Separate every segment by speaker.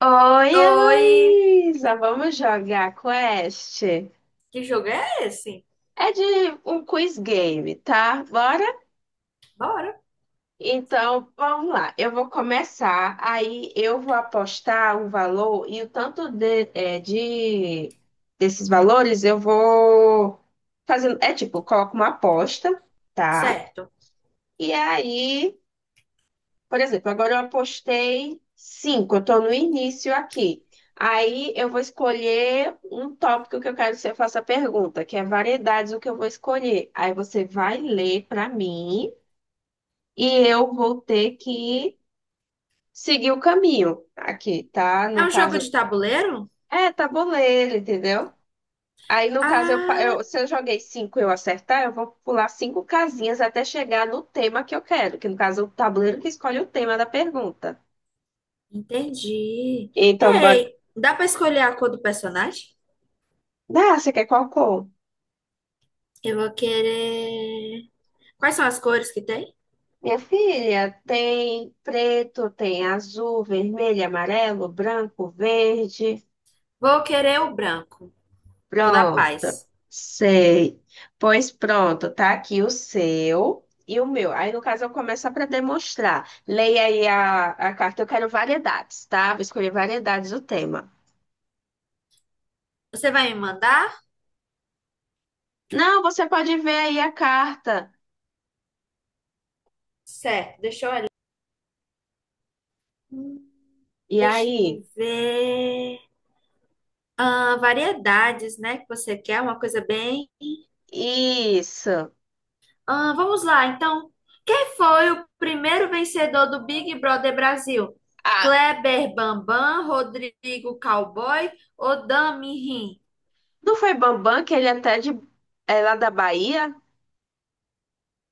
Speaker 1: Oi,
Speaker 2: Oi,
Speaker 1: Heloísa! Vamos jogar quest?
Speaker 2: que jogo é esse?
Speaker 1: É de um quiz game, tá? Bora?
Speaker 2: Bora.
Speaker 1: Então, vamos lá. Eu vou começar, aí eu vou apostar o valor e o tanto desses valores eu vou fazendo. É tipo, eu coloco uma aposta, tá?
Speaker 2: Certo.
Speaker 1: E aí, por exemplo, agora eu apostei cinco, eu estou no início aqui. Aí eu vou escolher um tópico que eu quero que você faça a pergunta, que é variedades, o que eu vou escolher. Aí você vai ler para mim e eu vou ter que seguir o caminho aqui, tá?
Speaker 2: É
Speaker 1: No
Speaker 2: um jogo
Speaker 1: caso,
Speaker 2: de tabuleiro?
Speaker 1: é tabuleiro, entendeu? Aí no caso,
Speaker 2: Ah,
Speaker 1: se eu joguei cinco e eu acertar, eu vou pular cinco casinhas até chegar no tema que eu quero, que no caso é o tabuleiro que escolhe o tema da pergunta.
Speaker 2: entendi.
Speaker 1: Então,
Speaker 2: Ei, dá pra escolher a cor do personagem?
Speaker 1: dá, você quer qual cor?
Speaker 2: Eu vou querer. Quais são as cores que tem?
Speaker 1: Minha filha, tem preto, tem azul, vermelho, amarelo, branco, verde.
Speaker 2: Vou querer o branco. Toda a
Speaker 1: Pronto,
Speaker 2: paz.
Speaker 1: sei. Pois pronto, tá aqui o seu e o meu. Aí, no caso, eu começo para demonstrar. Leia aí a carta. Eu quero variedades, tá? Vou escolher variedades do tema.
Speaker 2: Você vai me mandar?
Speaker 1: Não, você pode ver aí a carta.
Speaker 2: Certo, deixa eu olhar. Hum,
Speaker 1: E
Speaker 2: deixa eu me
Speaker 1: aí?
Speaker 2: ver. Ah, variedades, né? Que você quer, uma coisa bem.
Speaker 1: Isso.
Speaker 2: Ah, vamos lá, então. Quem foi o primeiro vencedor do Big Brother Brasil?
Speaker 1: Ah,
Speaker 2: Kleber Bambam, Rodrigo Cowboy ou Dami Rim?
Speaker 1: não foi Bambam que ele é até de. É lá da Bahia?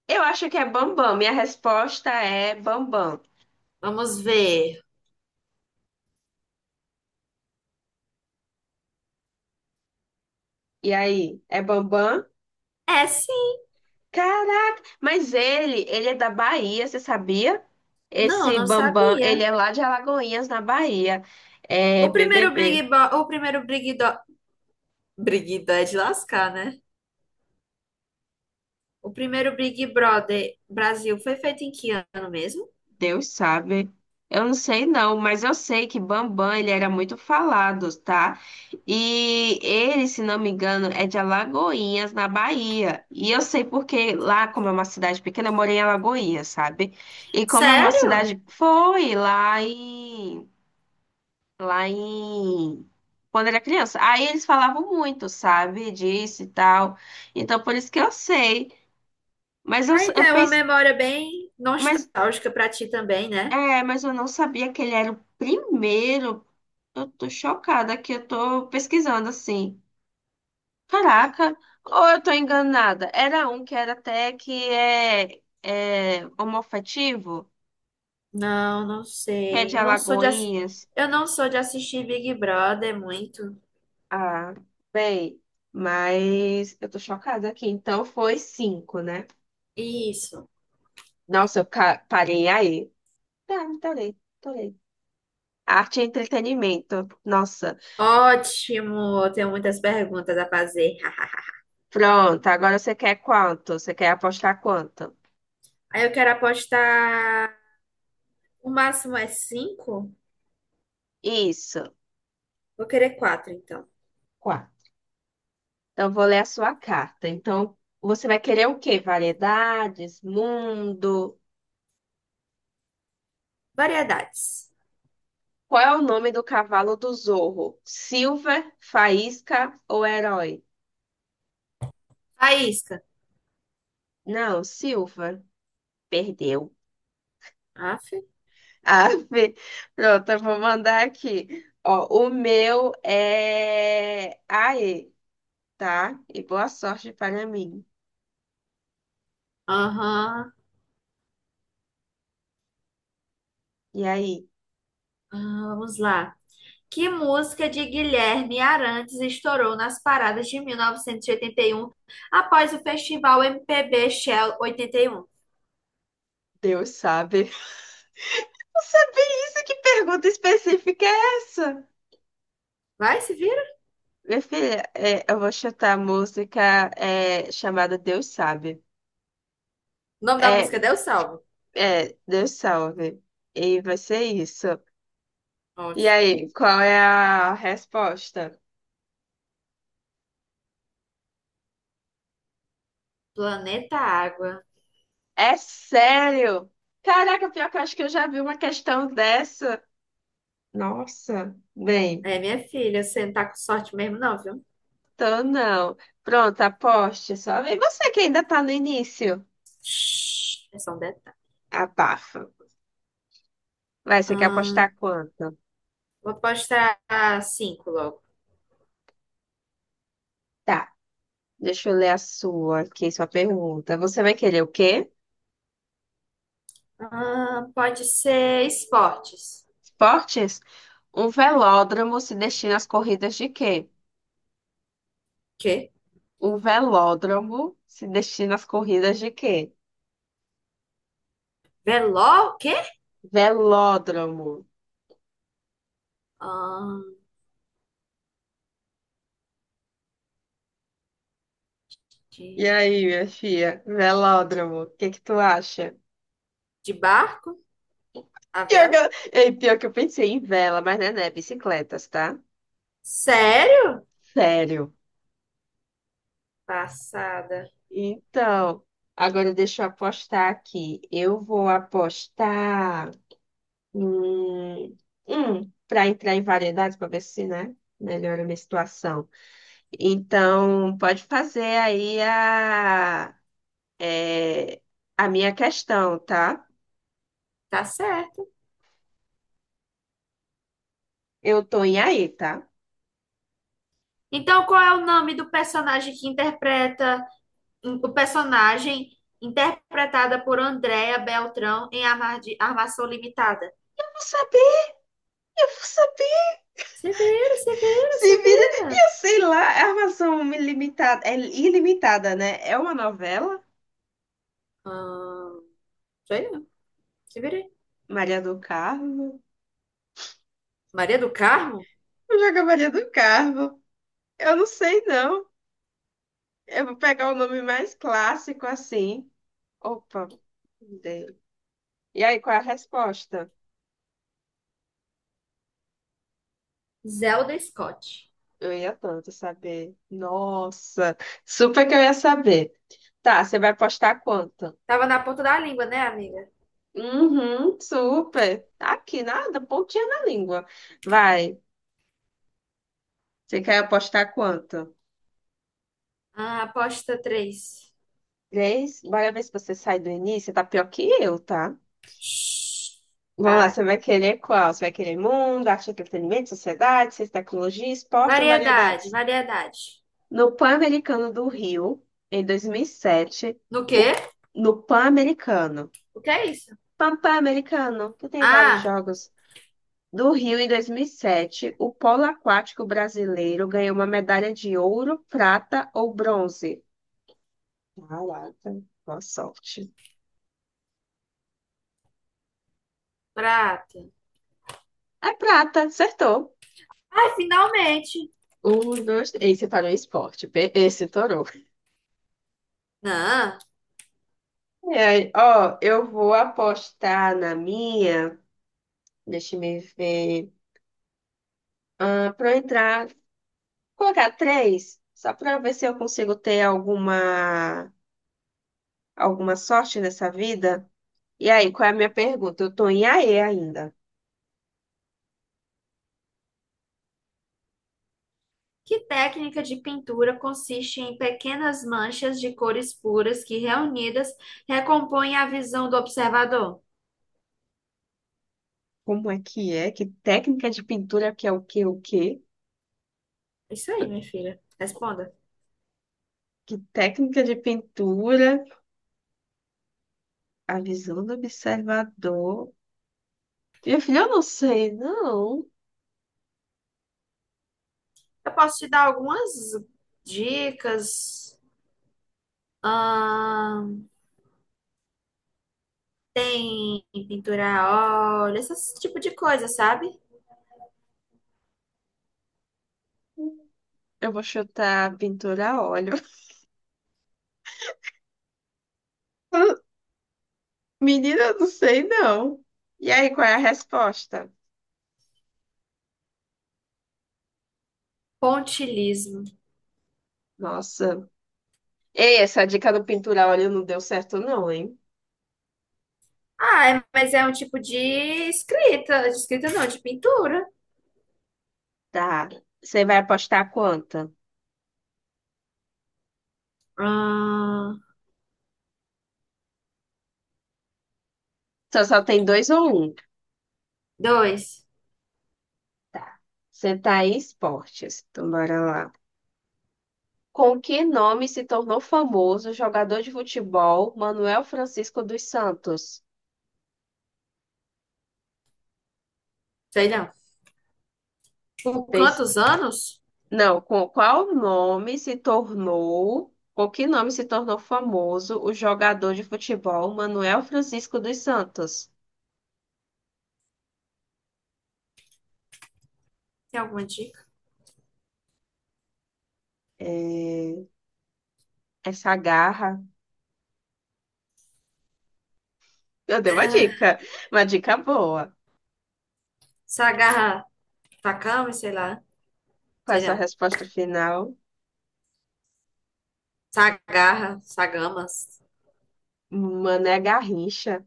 Speaker 1: Eu acho que é Bambam. Minha resposta é Bambam.
Speaker 2: Vamos ver.
Speaker 1: E aí, é Bambam?
Speaker 2: É, sim.
Speaker 1: Caraca! Mas ele é da Bahia, você sabia?
Speaker 2: Não,
Speaker 1: Esse
Speaker 2: não
Speaker 1: Bambam, ele
Speaker 2: sabia.
Speaker 1: é lá de Alagoinhas, na Bahia. É
Speaker 2: O primeiro
Speaker 1: BBB.
Speaker 2: O primeiro Big Do... Big Do é de lascar, né? O primeiro Big Brother Brasil foi feito em que ano mesmo?
Speaker 1: Deus sabe. Eu não sei não, mas eu sei que Bambam, ele era muito falado, tá? E ele, se não me engano, é de Alagoinhas, na Bahia. E eu sei porque lá, como é uma cidade pequena, eu morei em Alagoinhas, sabe? E como é uma
Speaker 2: Sério?
Speaker 1: cidade... Foi lá em... Lá em... Quando era criança. Aí eles falavam muito, sabe? Disso e tal. Então, por isso que eu sei. Mas eu,
Speaker 2: Ah, então
Speaker 1: eu
Speaker 2: é uma
Speaker 1: pensei...
Speaker 2: memória bem
Speaker 1: Mas,
Speaker 2: nostálgica pra ti também, né?
Speaker 1: é, mas eu não sabia que ele era o primeiro. Eu tô chocada que eu tô pesquisando assim. Caraca, ou eu tô enganada? Era um que era até que é homoafetivo,
Speaker 2: Não, não
Speaker 1: que é de
Speaker 2: sei.
Speaker 1: Alagoinhas.
Speaker 2: Eu não sou de assistir Big Brother muito.
Speaker 1: Ah, bem, mas eu tô chocada aqui. Então foi cinco, né?
Speaker 2: Isso.
Speaker 1: Nossa, eu ca- parei aí. Tá, parei, parei. Arte e entretenimento. Nossa.
Speaker 2: Ótimo. Eu tenho muitas perguntas a fazer.
Speaker 1: Pronto, agora você quer quanto? Você quer apostar quanto?
Speaker 2: Aí eu quero apostar. O máximo é cinco?
Speaker 1: Isso.
Speaker 2: Vou querer quatro, então.
Speaker 1: Quatro. Então, eu vou ler a sua carta. Então, você vai querer o quê? Variedades, mundo?
Speaker 2: Variedades.
Speaker 1: Qual é o nome do cavalo do Zorro? Silver, Faísca ou Herói?
Speaker 2: Faísca.
Speaker 1: Não, Silver. Perdeu.
Speaker 2: Aff.
Speaker 1: Ave. Pronto, eu vou mandar aqui. Ó, o meu é Aê, tá? E boa sorte para mim.
Speaker 2: Aham.
Speaker 1: E aí?
Speaker 2: Ah, vamos lá. Que música de Guilherme Arantes estourou nas paradas de 1981 após o festival MPB Shell 81?
Speaker 1: Deus sabe. Não sabia isso? Que pergunta específica é essa?
Speaker 2: Vai, se
Speaker 1: Minha filha, eu vou chutar a música chamada Deus Sabe.
Speaker 2: O nome da música é
Speaker 1: É,
Speaker 2: Deus Salve.
Speaker 1: Deus Salve. E vai ser isso. E
Speaker 2: Ótimo.
Speaker 1: aí, qual é a resposta?
Speaker 2: Planeta Água.
Speaker 1: É sério? Caraca, pior que eu acho que eu já vi uma questão dessa. Nossa, bem,
Speaker 2: É, minha filha, você não tá com sorte mesmo, não, viu?
Speaker 1: então não. Pronto, aposte só. E você que ainda tá no início?
Speaker 2: Shhh, é só um detalhe.
Speaker 1: Abafa. Vai, você quer
Speaker 2: Ahn,
Speaker 1: apostar quanto?
Speaker 2: vou apostar cinco logo.
Speaker 1: Tá, deixa eu ler a sua aqui, sua pergunta. Você vai querer o quê?
Speaker 2: Pode ser esportes.
Speaker 1: Esportes? Um velódromo se destina às corridas de quê?
Speaker 2: Quê?
Speaker 1: Um velódromo se destina às corridas de quê?
Speaker 2: Veló? Quê?
Speaker 1: Velódromo.
Speaker 2: Ahn,
Speaker 1: E
Speaker 2: de,
Speaker 1: aí, minha filha? Velódromo. O que que tu acha?
Speaker 2: de barco? A
Speaker 1: Pior que
Speaker 2: vela?
Speaker 1: eu, ei, pior que eu pensei em vela, mas não é, né? Bicicletas, tá?
Speaker 2: Sério?
Speaker 1: Sério.
Speaker 2: Passada.
Speaker 1: Então, agora deixa eu apostar aqui. Eu vou apostar. Hum, para entrar em variedades, para ver se, né? Melhora a minha situação. Então, pode fazer aí é, a minha questão, tá?
Speaker 2: Tá certo.
Speaker 1: Eu tô em aí, tá?
Speaker 2: Então, qual é o nome do personagem que interpreta o personagem interpretada por Andréa Beltrão em Armação Limitada.
Speaker 1: Eu vou saber, eu vou saber.
Speaker 2: Severa, Severa,
Speaker 1: Se vira,
Speaker 2: Severa.
Speaker 1: eu sei lá, é armação ilimitada, é ilimitada, né? É uma novela?
Speaker 2: Ah, sei não. Se virei.
Speaker 1: Maria do Carmo?
Speaker 2: Maria do Carmo?
Speaker 1: Vou jogar Maria do Carmo. Eu não sei, não. Eu vou pegar o nome mais clássico assim. Opa, dei. E aí, qual é a resposta?
Speaker 2: Zelda Scott.
Speaker 1: Eu ia tanto saber. Nossa, super que eu ia saber. Tá, você vai postar quanto?
Speaker 2: Tava na ponta da língua, né, amiga?
Speaker 1: Uhum, super. Tá aqui, nada, pontinha na língua. Vai, você quer apostar quanto?
Speaker 2: Ah, aposta 3.
Speaker 1: Três? Bora ver se você sai do início, você tá pior que eu, tá? Vamos lá,
Speaker 2: Para.
Speaker 1: você vai querer qual? Você vai querer mundo, arte, entretenimento, sociedade, ciência, tecnologia, esporte ou
Speaker 2: Variedade,
Speaker 1: variedades?
Speaker 2: variedade.
Speaker 1: No Pan-Americano do Rio, em 2007,
Speaker 2: No quê?
Speaker 1: o, no pan americano
Speaker 2: O que é isso?
Speaker 1: Papai Americano, que tem vários
Speaker 2: Ah,
Speaker 1: jogos. Do Rio em 2007, o polo aquático brasileiro ganhou uma medalha de ouro, prata ou bronze. Caraca, boa sorte.
Speaker 2: prata.
Speaker 1: É prata, acertou.
Speaker 2: Ah, finalmente.
Speaker 1: Um, dois, três. Esse parou em esporte. Pe- Esse torou.
Speaker 2: Não.
Speaker 1: É, ó, eu vou apostar na minha. Deixa eu me ver. Ah, para entrar, vou colocar três, só para ver se eu consigo ter alguma sorte nessa vida. E aí, qual é a minha pergunta? Eu tô em AE ainda.
Speaker 2: Que técnica de pintura consiste em pequenas manchas de cores puras que, reunidas, recompõem a visão do observador?
Speaker 1: Como é? Que técnica de pintura que é o que, o quê?
Speaker 2: É isso aí, minha filha. Responda.
Speaker 1: Que técnica de pintura? A visão do observador. Meu filho, eu não sei, não.
Speaker 2: Eu posso te dar algumas dicas. Ahn, tem pintura a óleo, esse tipo de coisa, sabe?
Speaker 1: Eu vou chutar pintura a óleo. Menina, eu não sei, não. E aí, qual é a resposta?
Speaker 2: Pontilismo.
Speaker 1: Nossa. Ei, essa dica do pintura a óleo não deu certo, não, hein?
Speaker 2: Ah, é- mas é um tipo de escrita. De escrita não, de pintura.
Speaker 1: Tá. Você vai apostar quanta?
Speaker 2: Ahn,
Speaker 1: Só, só tem dois ou um?
Speaker 2: dois.
Speaker 1: Tá. Você tá esportes. Então, bora lá. Com que nome se tornou famoso o jogador de futebol Manuel Francisco dos Santos?
Speaker 2: Sei não. Vulcã
Speaker 1: Pens-
Speaker 2: dos anos?
Speaker 1: Não, com qual nome se tornou... Com que nome se tornou famoso o jogador de futebol Manuel Francisco dos Santos?
Speaker 2: Tem alguma dica?
Speaker 1: É, essa garra... Eu dei uma
Speaker 2: Ah,
Speaker 1: dica. Uma dica boa.
Speaker 2: Sagarra Takami, sei lá.
Speaker 1: Com
Speaker 2: Sei
Speaker 1: essa
Speaker 2: não.
Speaker 1: resposta final,
Speaker 2: Sagarra, Sagamas.
Speaker 1: Mané Garrincha.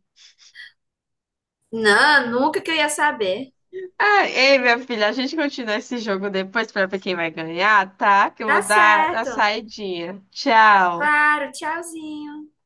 Speaker 2: Não, nunca que eu ia saber.
Speaker 1: Ah, ei, minha filha, a gente continua esse jogo depois pra ver quem vai ganhar, tá? Que eu
Speaker 2: Tá
Speaker 1: vou dar a
Speaker 2: certo.
Speaker 1: saidinha. Tchau.
Speaker 2: Claro, tchauzinho.